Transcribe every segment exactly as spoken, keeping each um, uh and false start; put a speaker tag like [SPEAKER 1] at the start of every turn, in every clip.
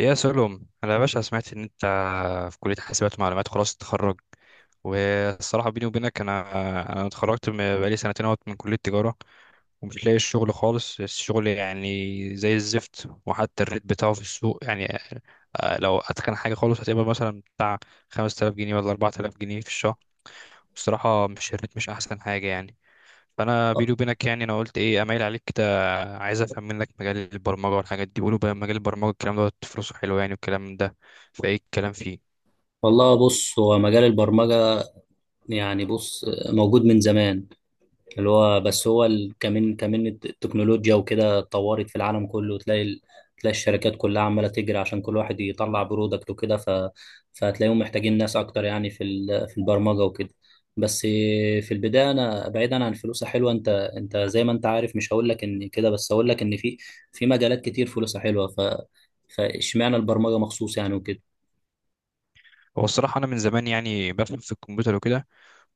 [SPEAKER 1] يا سلم انا يا باشا سمعت ان انت في كليه حاسبات ومعلومات خلاص تتخرج. والصراحه بيني وبينك انا انا اتخرجت من- بقالي سنتين اهوت من كليه تجاره، ومش لاقي الشغل خالص، الشغل يعني زي الزفت، وحتى الريت بتاعه في السوق يعني. آه، لو اتقن حاجه خالص هتبقى مثلا بتاع خمسة آلاف جنيه ولا أربعة آلاف جنيه في الشهر. الصراحه مش الريت مش احسن حاجه يعني. فانا بيني وبينك يعني انا قلت ايه اميل عليك، عايز افهم منك مجال البرمجه والحاجات دي. بيقولوا بقى مجال البرمجه الكلام ده فلوسه حلو يعني والكلام ده، فايه الكلام فيه؟
[SPEAKER 2] والله، بص، هو مجال البرمجة. يعني بص، موجود من زمان. اللي هو بس هو ال- كمان كمان التكنولوجيا وكده اتطورت في العالم كله، تلاقي ال- تلاقي الشركات كلها عمالة تجري عشان كل واحد يطلع برودكت وكده، ف... فهتلاقيهم محتاجين ناس أكتر، يعني في ال... في البرمجة وكده. بس في البداية، أنا بعيدا عن فلوسها حلوة، أنت أنت زي ما أنت عارف، مش هقول لك إن كده، بس هقول لك إن في في مجالات كتير فلوسها حلوة، ف فاشمعنى البرمجة مخصوص يعني وكده؟
[SPEAKER 1] هو الصراحه انا من زمان يعني بفهم في الكمبيوتر وكده،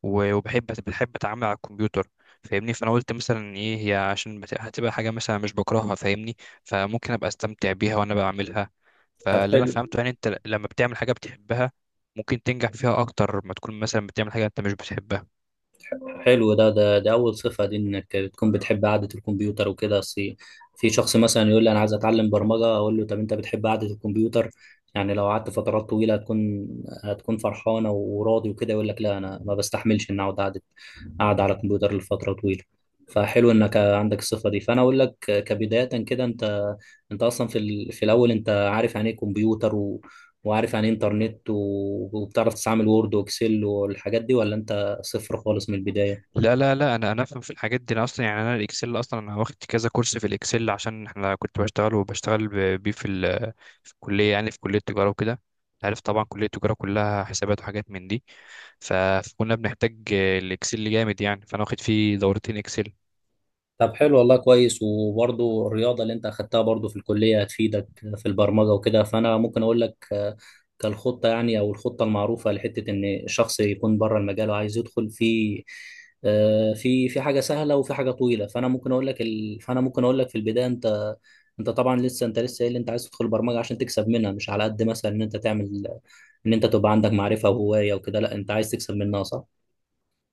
[SPEAKER 1] و- وبحب بحب اتعامل على الكمبيوتر، فاهمني. فانا قلت مثلا ايه هي عشان بت- هتبقى حاجه مثلا مش بكرهها، فاهمني، فممكن ابقى استمتع بيها وانا بعملها.
[SPEAKER 2] طب،
[SPEAKER 1] فاللي انا
[SPEAKER 2] حلو.
[SPEAKER 1] فهمته يعني انت لما بتعمل حاجه بتحبها ممكن تنجح فيها اكتر ما تكون مثلا بتعمل حاجه انت مش بتحبها.
[SPEAKER 2] حلو، ده ده دي أول صفة، دي إنك بتكون بتحب قعدة الكمبيوتر وكده. أصل في شخص مثلا يقول لي أنا عايز أتعلم برمجة، أقول له طب أنت بتحب قعدة الكمبيوتر؟ يعني لو قعدت فترات طويلة هتكون هتكون فرحانة وراضي وكده؟ يقول لك لا أنا ما بستحملش إن أقعد قعدة قاعد على الكمبيوتر لفترة طويلة. فحلو إنك عندك الصفة دي. فأنا أقول لك كبداية كده، أنت أنت أصلا في ال... في الأول، أنت عارف يعني إيه كمبيوتر، و... وعارف يعني إيه إنترنت، و... وبتعرف تستعمل وورد وإكسل والحاجات دي، ولا أنت صفر خالص من البداية؟
[SPEAKER 1] لا لا لا، انا انا افهم في الحاجات دي، انا اصلا يعني انا الاكسل اصلا انا واخد كذا كورس في الاكسل، عشان احنا كنت بشتغل وبشتغل ب- بيه في ال- في الكليه يعني في كليه التجاره وكده. عارف طبعا كليه التجاره كلها حسابات وحاجات من دي، ف- فكنا بنحتاج الاكسل جامد يعني، فانا واخد فيه دورتين اكسل.
[SPEAKER 2] طب حلو، والله كويس. وبرضو الرياضة اللي انت اخدتها برضو في الكلية هتفيدك في البرمجة وكده. فانا ممكن اقول لك آه، كالخطة يعني، او الخطة المعروفة، لحتة ان الشخص يكون بره المجال وعايز يدخل في آه، في في حاجة سهلة وفي حاجة طويلة. فانا ممكن اقول لك ال... فانا ممكن اقول لك في البداية، انت انت طبعا لسه، انت لسه قايل انت عايز تدخل برمجة عشان تكسب منها، مش على قد مثلا ان انت تعمل ان انت تبقى عندك معرفة وهواية وكده. لا انت عايز تكسب منها صح؟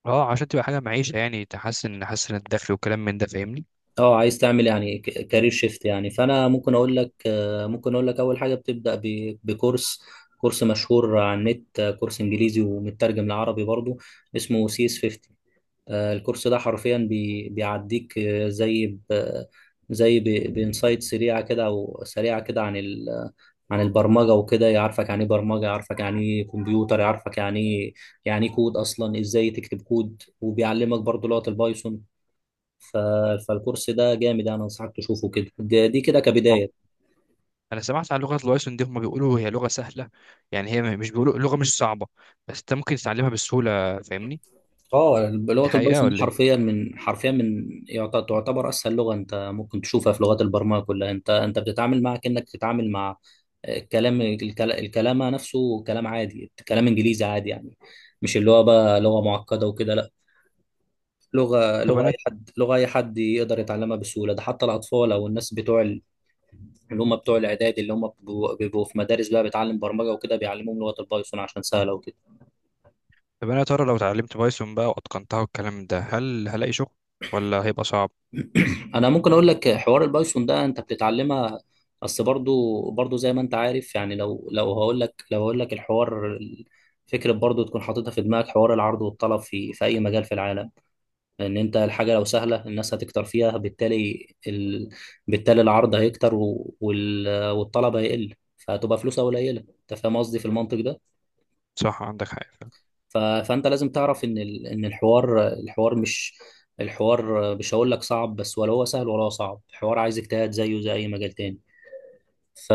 [SPEAKER 1] اه، عشان تبقى حاجه معيشه يعني تحسن تحسن الدخل وكلام من ده، فاهمني.
[SPEAKER 2] اه، عايز تعمل يعني ك- كارير شيفت يعني. فانا ممكن اقول لك آه، ممكن اقول لك اول حاجه بتبدا ب- بكورس، كورس مشهور على النت، آه، كورس انجليزي ومترجم لعربي برضو، اسمه سي اس خمسين. آه، الكورس ده حرفيا بي- بيعديك آه، زي ب- زي ب- بانسايت سريعه كده، او سريعه كده، عن ال عن البرمجه وكده. يعرفك يعني ايه برمجه، يعرفك يعني ايه كمبيوتر، يعرفك يعني ايه، يعني إيه كود اصلا، ازاي تكتب كود، وبيعلمك برضو لغه البايثون. ف... فالكورس ده جامد يعني، انصحك تشوفه كده. ده- دي كده
[SPEAKER 1] اه،
[SPEAKER 2] كبدايه.
[SPEAKER 1] انا سمعت عن لغه الوايسون دي، هم بيقولوا هي لغه سهله يعني، هي مش بيقولوا لغه مش صعبه، بس انت ممكن تتعلمها بسهوله، فاهمني.
[SPEAKER 2] اه،
[SPEAKER 1] دي
[SPEAKER 2] لغه
[SPEAKER 1] حقيقه
[SPEAKER 2] البايثون دي
[SPEAKER 1] ولا ايه؟
[SPEAKER 2] حرفيا، من حرفيا من يعت- تعتبر اسهل لغه انت ممكن تشوفها في لغات البرمجه كلها. انت انت بتتعامل معها كانك بتتعامل مع الكلام، الكل- الكلام نفسه كلام عادي، كلام انجليزي عادي يعني. مش اللي هو بقى لغه معقده وكده، لا، لغه
[SPEAKER 1] طب
[SPEAKER 2] لغه
[SPEAKER 1] انا
[SPEAKER 2] اي حد لغه اي حد يقدر يتعلمها بسهوله. ده حتى الاطفال او الناس بتوع ال- اللي هم بتوع الاعداد، اللي هم بيبقوا بيبقوا في مدارس بقى بتعلم برمجه وكده، بيعلموهم لغه البايثون عشان سهله وكده.
[SPEAKER 1] طب انا يا ترى لو اتعلمت بايثون بقى واتقنتها والكلام ده، هل هلاقي شغل ولا هيبقى صعب؟
[SPEAKER 2] انا ممكن اقول لك حوار البايثون ده انت بتتعلمها، بس برضو برضو زي ما انت عارف يعني، لو لو هقول لك لو هقول لك الحوار، فكرة برضو تكون حاططها في دماغك، حوار العرض والطلب في في اي مجال في العالم. لان انت الحاجة لو سهلة الناس هتكتر فيها، بالتالي ال... بالتالي العرض هيكتر و... وال... والطلب هيقل، فهتبقى فلوسها قليلة. انت فاهم قصدي في المنطق ده؟
[SPEAKER 1] صح، عندك حق فعلا.
[SPEAKER 2] ف- فانت لازم تعرف ان ال- ان الحوار الحوار مش، الحوار مش هقول لك صعب بس، ولا هو سهل ولا هو صعب، الحوار عايز اجتهاد زيه زي اي مجال تاني. ف...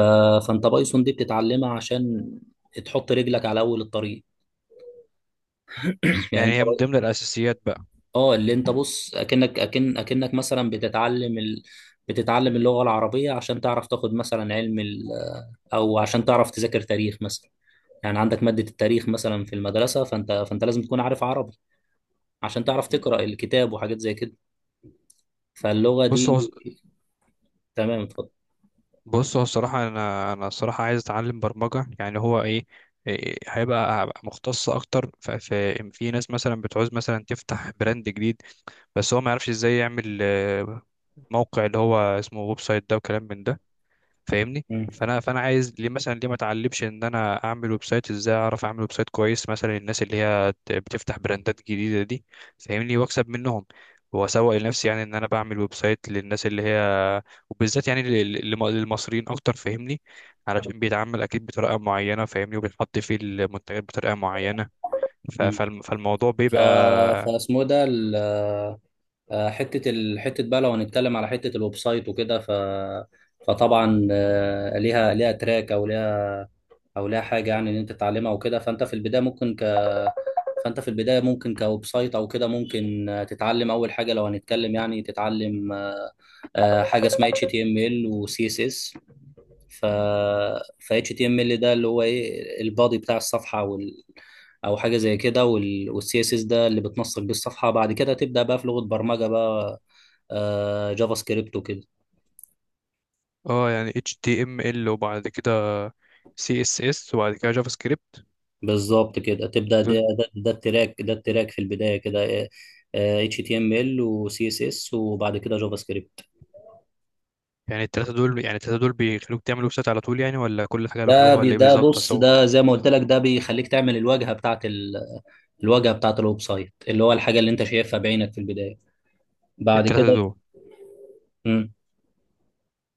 [SPEAKER 2] فانت بايثون دي بتتعلمها عشان تحط رجلك على اول الطريق. يعني
[SPEAKER 1] يعني
[SPEAKER 2] انت،
[SPEAKER 1] هي من ضمن الاساسيات بقى.
[SPEAKER 2] اه اللي انت بص، اكنك اكن اكنك مثلا بتتعلم ال... بتتعلم اللغة العربية عشان تعرف تاخد مثلا علم ال... او عشان تعرف تذاكر تاريخ مثلا. يعني عندك مادة التاريخ مثلا في المدرسة، فانت فانت لازم تكون عارف عربي عشان تعرف تقرأ
[SPEAKER 1] مم.
[SPEAKER 2] الكتاب وحاجات زي كده. فاللغة
[SPEAKER 1] بص
[SPEAKER 2] دي،
[SPEAKER 1] هو
[SPEAKER 2] تمام اتفضل.
[SPEAKER 1] بص هو الصراحه انا انا الصراحه عايز اتعلم برمجه يعني، هو ايه؟ إيه، هيبقى هبقى مختص اكتر، ف- في في ناس مثلا بتعوز مثلا تفتح براند جديد، بس هو ما يعرفش ازاي يعمل آه، موقع اللي هو اسمه ويب سايت ده وكلام من ده، فاهمني.
[SPEAKER 2] مم.
[SPEAKER 1] فانا فانا عايز ليه مثلا، ليه ما اتعلمش ان انا اعمل ويب سايت، ازاي اعرف اعمل ويب سايت كويس مثلا الناس اللي هي ت- بتفتح براندات جديده دي، فاهمني، واكسب منهم، واسوق لنفسي يعني ان انا بعمل ويب سايت للناس اللي هي، وبالذات يعني لل- للم- للمصريين اكتر، فاهمني، علشان بيتعامل اكيد بطريقه معينه، فاهمني، وبيحط فيه المنتجات بطريقه معينه، ف-
[SPEAKER 2] مم.
[SPEAKER 1] فالم- فالموضوع
[SPEAKER 2] ف...
[SPEAKER 1] بيبقى.
[SPEAKER 2] فاسمه ده ال... آه، حتة ال... حتة بقى، لو هنتكلم على حتة الويب سايت وكده. ف... فطبعا آه، ليها ليها تراك، او ليها، او ليها حاجة يعني، ان انت تتعلمها وكده. فانت في البداية ممكن ك... فانت في البداية ممكن كويب سايت او كده، ممكن آه، تتعلم اول حاجة، لو هنتكلم يعني تتعلم آه، حاجة اسمها H T M L و C S S. ف ف إتش تي إم إل ده اللي هو ايه، البادي بتاع الصفحه وال او حاجه زي كده، وال... والسي اس اس ده اللي بتنسق بيه الصفحه. بعد كده تبدا بقى في لغه برمجه بقى، آه، جافا سكريبت وكده.
[SPEAKER 1] اه يعني H T M L وبعد كده C S S وبعد كده جافا سكريبت.
[SPEAKER 2] بالظبط كده تبدا، ده ده, ده التراك، ده التراك في البدايه كده. اتش تي ام ال وسي اس اس وبعد كده جافا سكريبت.
[SPEAKER 1] يعني التلاتة دول يعني التلاتة دول بيخلوك تعمل ويب سايت على طول يعني، ولا كل حاجة لوحدها
[SPEAKER 2] ده بي
[SPEAKER 1] ولا ايه
[SPEAKER 2] ده
[SPEAKER 1] بالظبط؟
[SPEAKER 2] بص،
[SPEAKER 1] اصل هو
[SPEAKER 2] ده زي ما قلت لك، ده بيخليك تعمل الواجهه بتاعت ال... الواجهه بتاعت الويب سايت، اللي هو الحاجه اللي انت شايفها بعينك في البدايه. بعد
[SPEAKER 1] التلاتة
[SPEAKER 2] كده.
[SPEAKER 1] دول.
[SPEAKER 2] مم.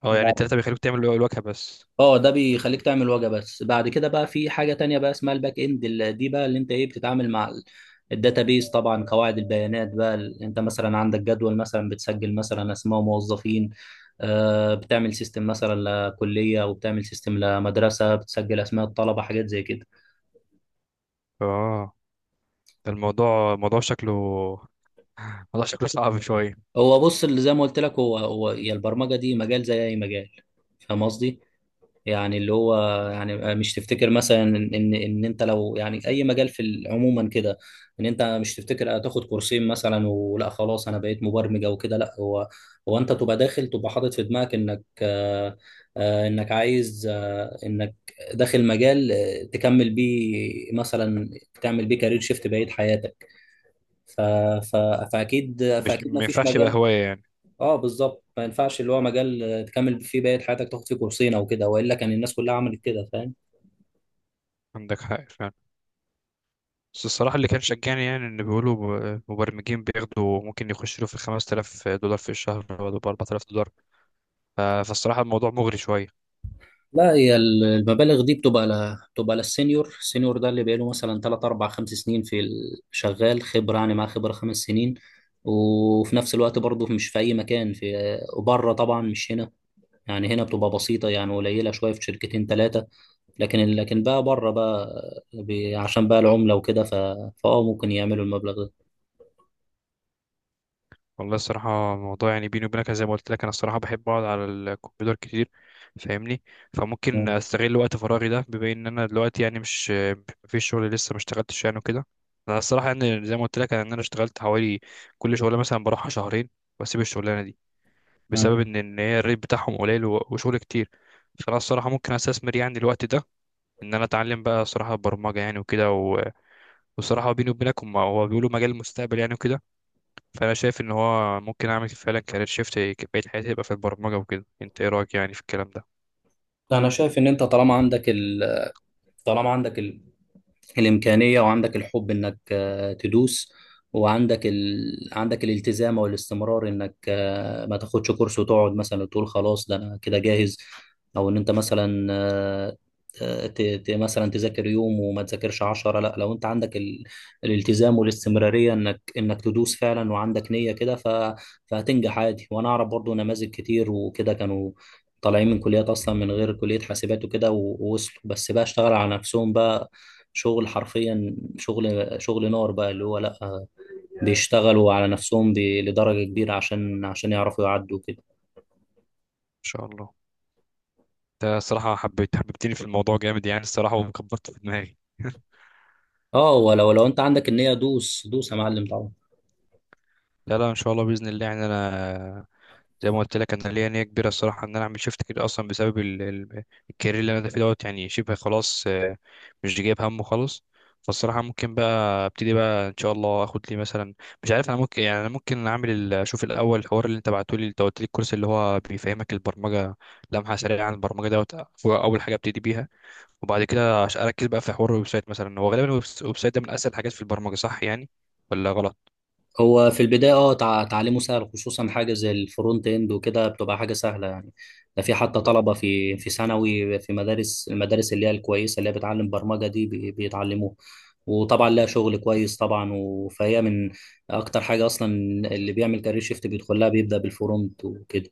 [SPEAKER 1] اه يعني التلاتة بيخلوك تعمل الواجهة بس.
[SPEAKER 2] اه ده بيخليك تعمل واجهه بس. بعد كده بقى في حاجه تانية بقى اسمها الباك اند، ال- دي بقى اللي انت ايه بتتعامل مع الداتابيز، طبعا قواعد البيانات بقى. ال- انت مثلا عندك جدول مثلا بتسجل مثلا اسماء موظفين، آه، بتعمل سيستم مثلا لكليه، وبتعمل سيستم لمدرسه بتسجل اسماء الطلبه، حاجات زي كده.
[SPEAKER 1] اه، ده الموضوع موضوع شكله موضوع شكله صعب شوية.
[SPEAKER 2] هو بص، اللي زي ما قلت لك، هو هو يا، البرمجه دي مجال زي اي مجال، فاهم قصدي؟ يعني اللي هو، يعني مش تفتكر مثلا ان ان إن انت لو، يعني اي مجال في ال- عموما كده، ان انت مش تفتكر هتاخد كورسين مثلا ولا خلاص انا بقيت مبرمج او كده، لا، هو هو انت تبقى داخل، تبقى حاطط في دماغك انك آه، آه، انك عايز آه، انك داخل مجال آه، تكمل بيه مثلا، تعمل بيه كارير شيفت بقية حياتك. ف... ف... فاكيد
[SPEAKER 1] مش
[SPEAKER 2] فاكيد ما
[SPEAKER 1] ما
[SPEAKER 2] فيش
[SPEAKER 1] ينفعش يبقى
[SPEAKER 2] مجال.
[SPEAKER 1] هواية يعني؟
[SPEAKER 2] اه بالظبط، ما ينفعش اللي هو مجال آه، تكمل فيه بقية حياتك، تاخد فيه كورسين او كده، والا كان الناس كلها عملت كده، فاهم؟
[SPEAKER 1] عندك حق فعلا. بس الصراحة اللي كان شجعني يعني إن بيقولوا ب- مبرمجين بياخدوا، ممكن يخشوا له في خمسة آلاف دولار في الشهر ولا ب أربعة آلاف دولار، ف- فالصراحة الموضوع مغري شوية.
[SPEAKER 2] لا هي ال- المبالغ دي بتبقى ل... بتبقى للسينيور. السينيور ده اللي بقاله مثلا ثلاثة أربعة خمسة سنين في ال- شغال خبرة، يعني معاه خبرة خمس سنين. وفي نفس الوقت برضه مش في اي مكان، في آه، وبره طبعا مش هنا، يعني هنا بتبقى بسيطة، يعني قليلة شوية في شركتين ثلاثة. لكن لكن بقى بره بقى بي... عشان بقى العملة وكده، ف... فاه ممكن يعملوا المبلغ ده.
[SPEAKER 1] والله الصراحة الموضوع يعني بيني وبينك، زي ما قلت لك أنا الصراحة بحب أقعد على الكمبيوتر كتير، فاهمني، فممكن أستغل وقت فراغي ده، بما إن أنا دلوقتي يعني مش، مفيش شغل لسه ما اشتغلتش يعني وكده. أنا الصراحة يعني زي ما قلت لك إن أنا اشتغلت حوالي، كل شغلة مثلا بروحها شهرين، وأسيب الشغلانة دي بسبب
[SPEAKER 2] مم.
[SPEAKER 1] إن إن هي الريت بتاعهم قليل و- وشغل كتير. فأنا الصراحة ممكن أستثمر يعني الوقت ده، إن أنا أتعلم بقى الصراحة برمجة يعني وكده، و- والصراحة بيني وبينك هم- هو بيقولوا مجال المستقبل يعني وكده. فانا شايف ان هو ممكن اعمل فعلا كارير شيفت بقية حياتي يبقى في البرمجة وكده، انت ايه رأيك يعني في الكلام ده؟
[SPEAKER 2] انا شايف ان انت طالما عندك ال... طالما عندك الإمكانية، وعندك الحب إنك آه، تدوس، وعندك ال... عندك الالتزام والاستمرار، إنك آه، ما تاخدش كورس وتقعد مثلا وتقول خلاص ده أنا كده جاهز، أو إن أنت مثلا آه، آه، ت... ت... مثلا تذاكر يوم وما تذاكرش عشرة. لا، لو أنت عندك ال... الالتزام والاستمرارية إنك إنك تدوس فعلا وعندك نية كده، ف... فهتنجح عادي. وأنا أعرف برضو نماذج كتير وكده، كانوا طالعين من كليات أصلا من غير كلية حاسبات وكده، و- ووصلوا، بس بقى اشتغل على نفسهم بقى شغل، حرفيا شغل شغل نار بقى، اللي هو لا، بيشتغلوا على نفسهم ب- لدرجة كبيرة عشان، عشان يعرفوا يعدوا كده.
[SPEAKER 1] ان شاء الله. انت الصراحة حبيت حببتني في الموضوع جامد يعني الصراحة، وكبرت في دماغي.
[SPEAKER 2] اه ولو، لو انت عندك النية دوس دوس يا معلم طبعا.
[SPEAKER 1] لا لا، ان شاء الله باذن الله يعني انا، زي ما قلت لك انا ليا نيه كبيره الصراحه ان انا اعمل شيفت كده اصلا بسبب ال- ال- الكارير اللي انا فيه دوت يعني شبه خلاص، آه، مش جايب همه خالص. فالصراحه ممكن بقى ابتدي بقى ان شاء الله اخد لي مثلا، مش عارف، انا ممكن يعني انا ممكن اعمل ال- اشوف الاول الحوار اللي انت بعته لي، انت قلت لي الكورس اللي هو بيفهمك البرمجه لمحه سريعه عن البرمجه دوت، هو اول حاجه ابتدي بيها، وبعد كده عش- اركز بقى في حوار الويب سايت مثلا، هو غالبا الويب الويب سايت ده من اسهل الحاجات في البرمجه، صح يعني ولا غلط؟
[SPEAKER 2] هو في البداية اه، تع- تعليمه سهل، خصوصا حاجة زي الفرونت اند وكده، بتبقى حاجة سهلة يعني. ده في حتى طلبة في في ثانوي، في مدارس المدارس اللي هي الكويسة، اللي هي بتعلم برمجة دي بي- بيتعلموها، وطبعا لها شغل كويس طبعا، و- فهي من اكتر حاجة اصلا اللي بيعمل كارير شيفت بيدخلها بيبدأ بالفرونت وكده.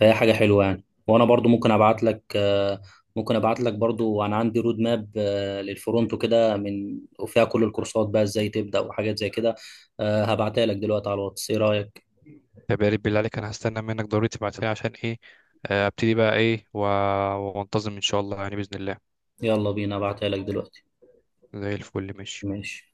[SPEAKER 2] فهي حاجة حلوة يعني. وانا برضو ممكن ابعت لك آه، ممكن ابعت لك برضو، انا عندي رود ماب آه، للفرونتو كده، من وفيها كل الكورسات بقى، ازاي تبدأ وحاجات زي كده. آه، هبعتها لك دلوقتي على الواتس، ايه رأيك؟
[SPEAKER 1] طب يا ريت بالله عليك، انا هستنى منك ضروري تبعتها لي، عشان ايه، آه، ابتدي بقى ايه و- وانتظم ان شاء الله يعني باذن الله.
[SPEAKER 2] يلا بينا ابعتها لك دلوقتي.
[SPEAKER 1] زي الفل، ماشي.
[SPEAKER 2] ماشي.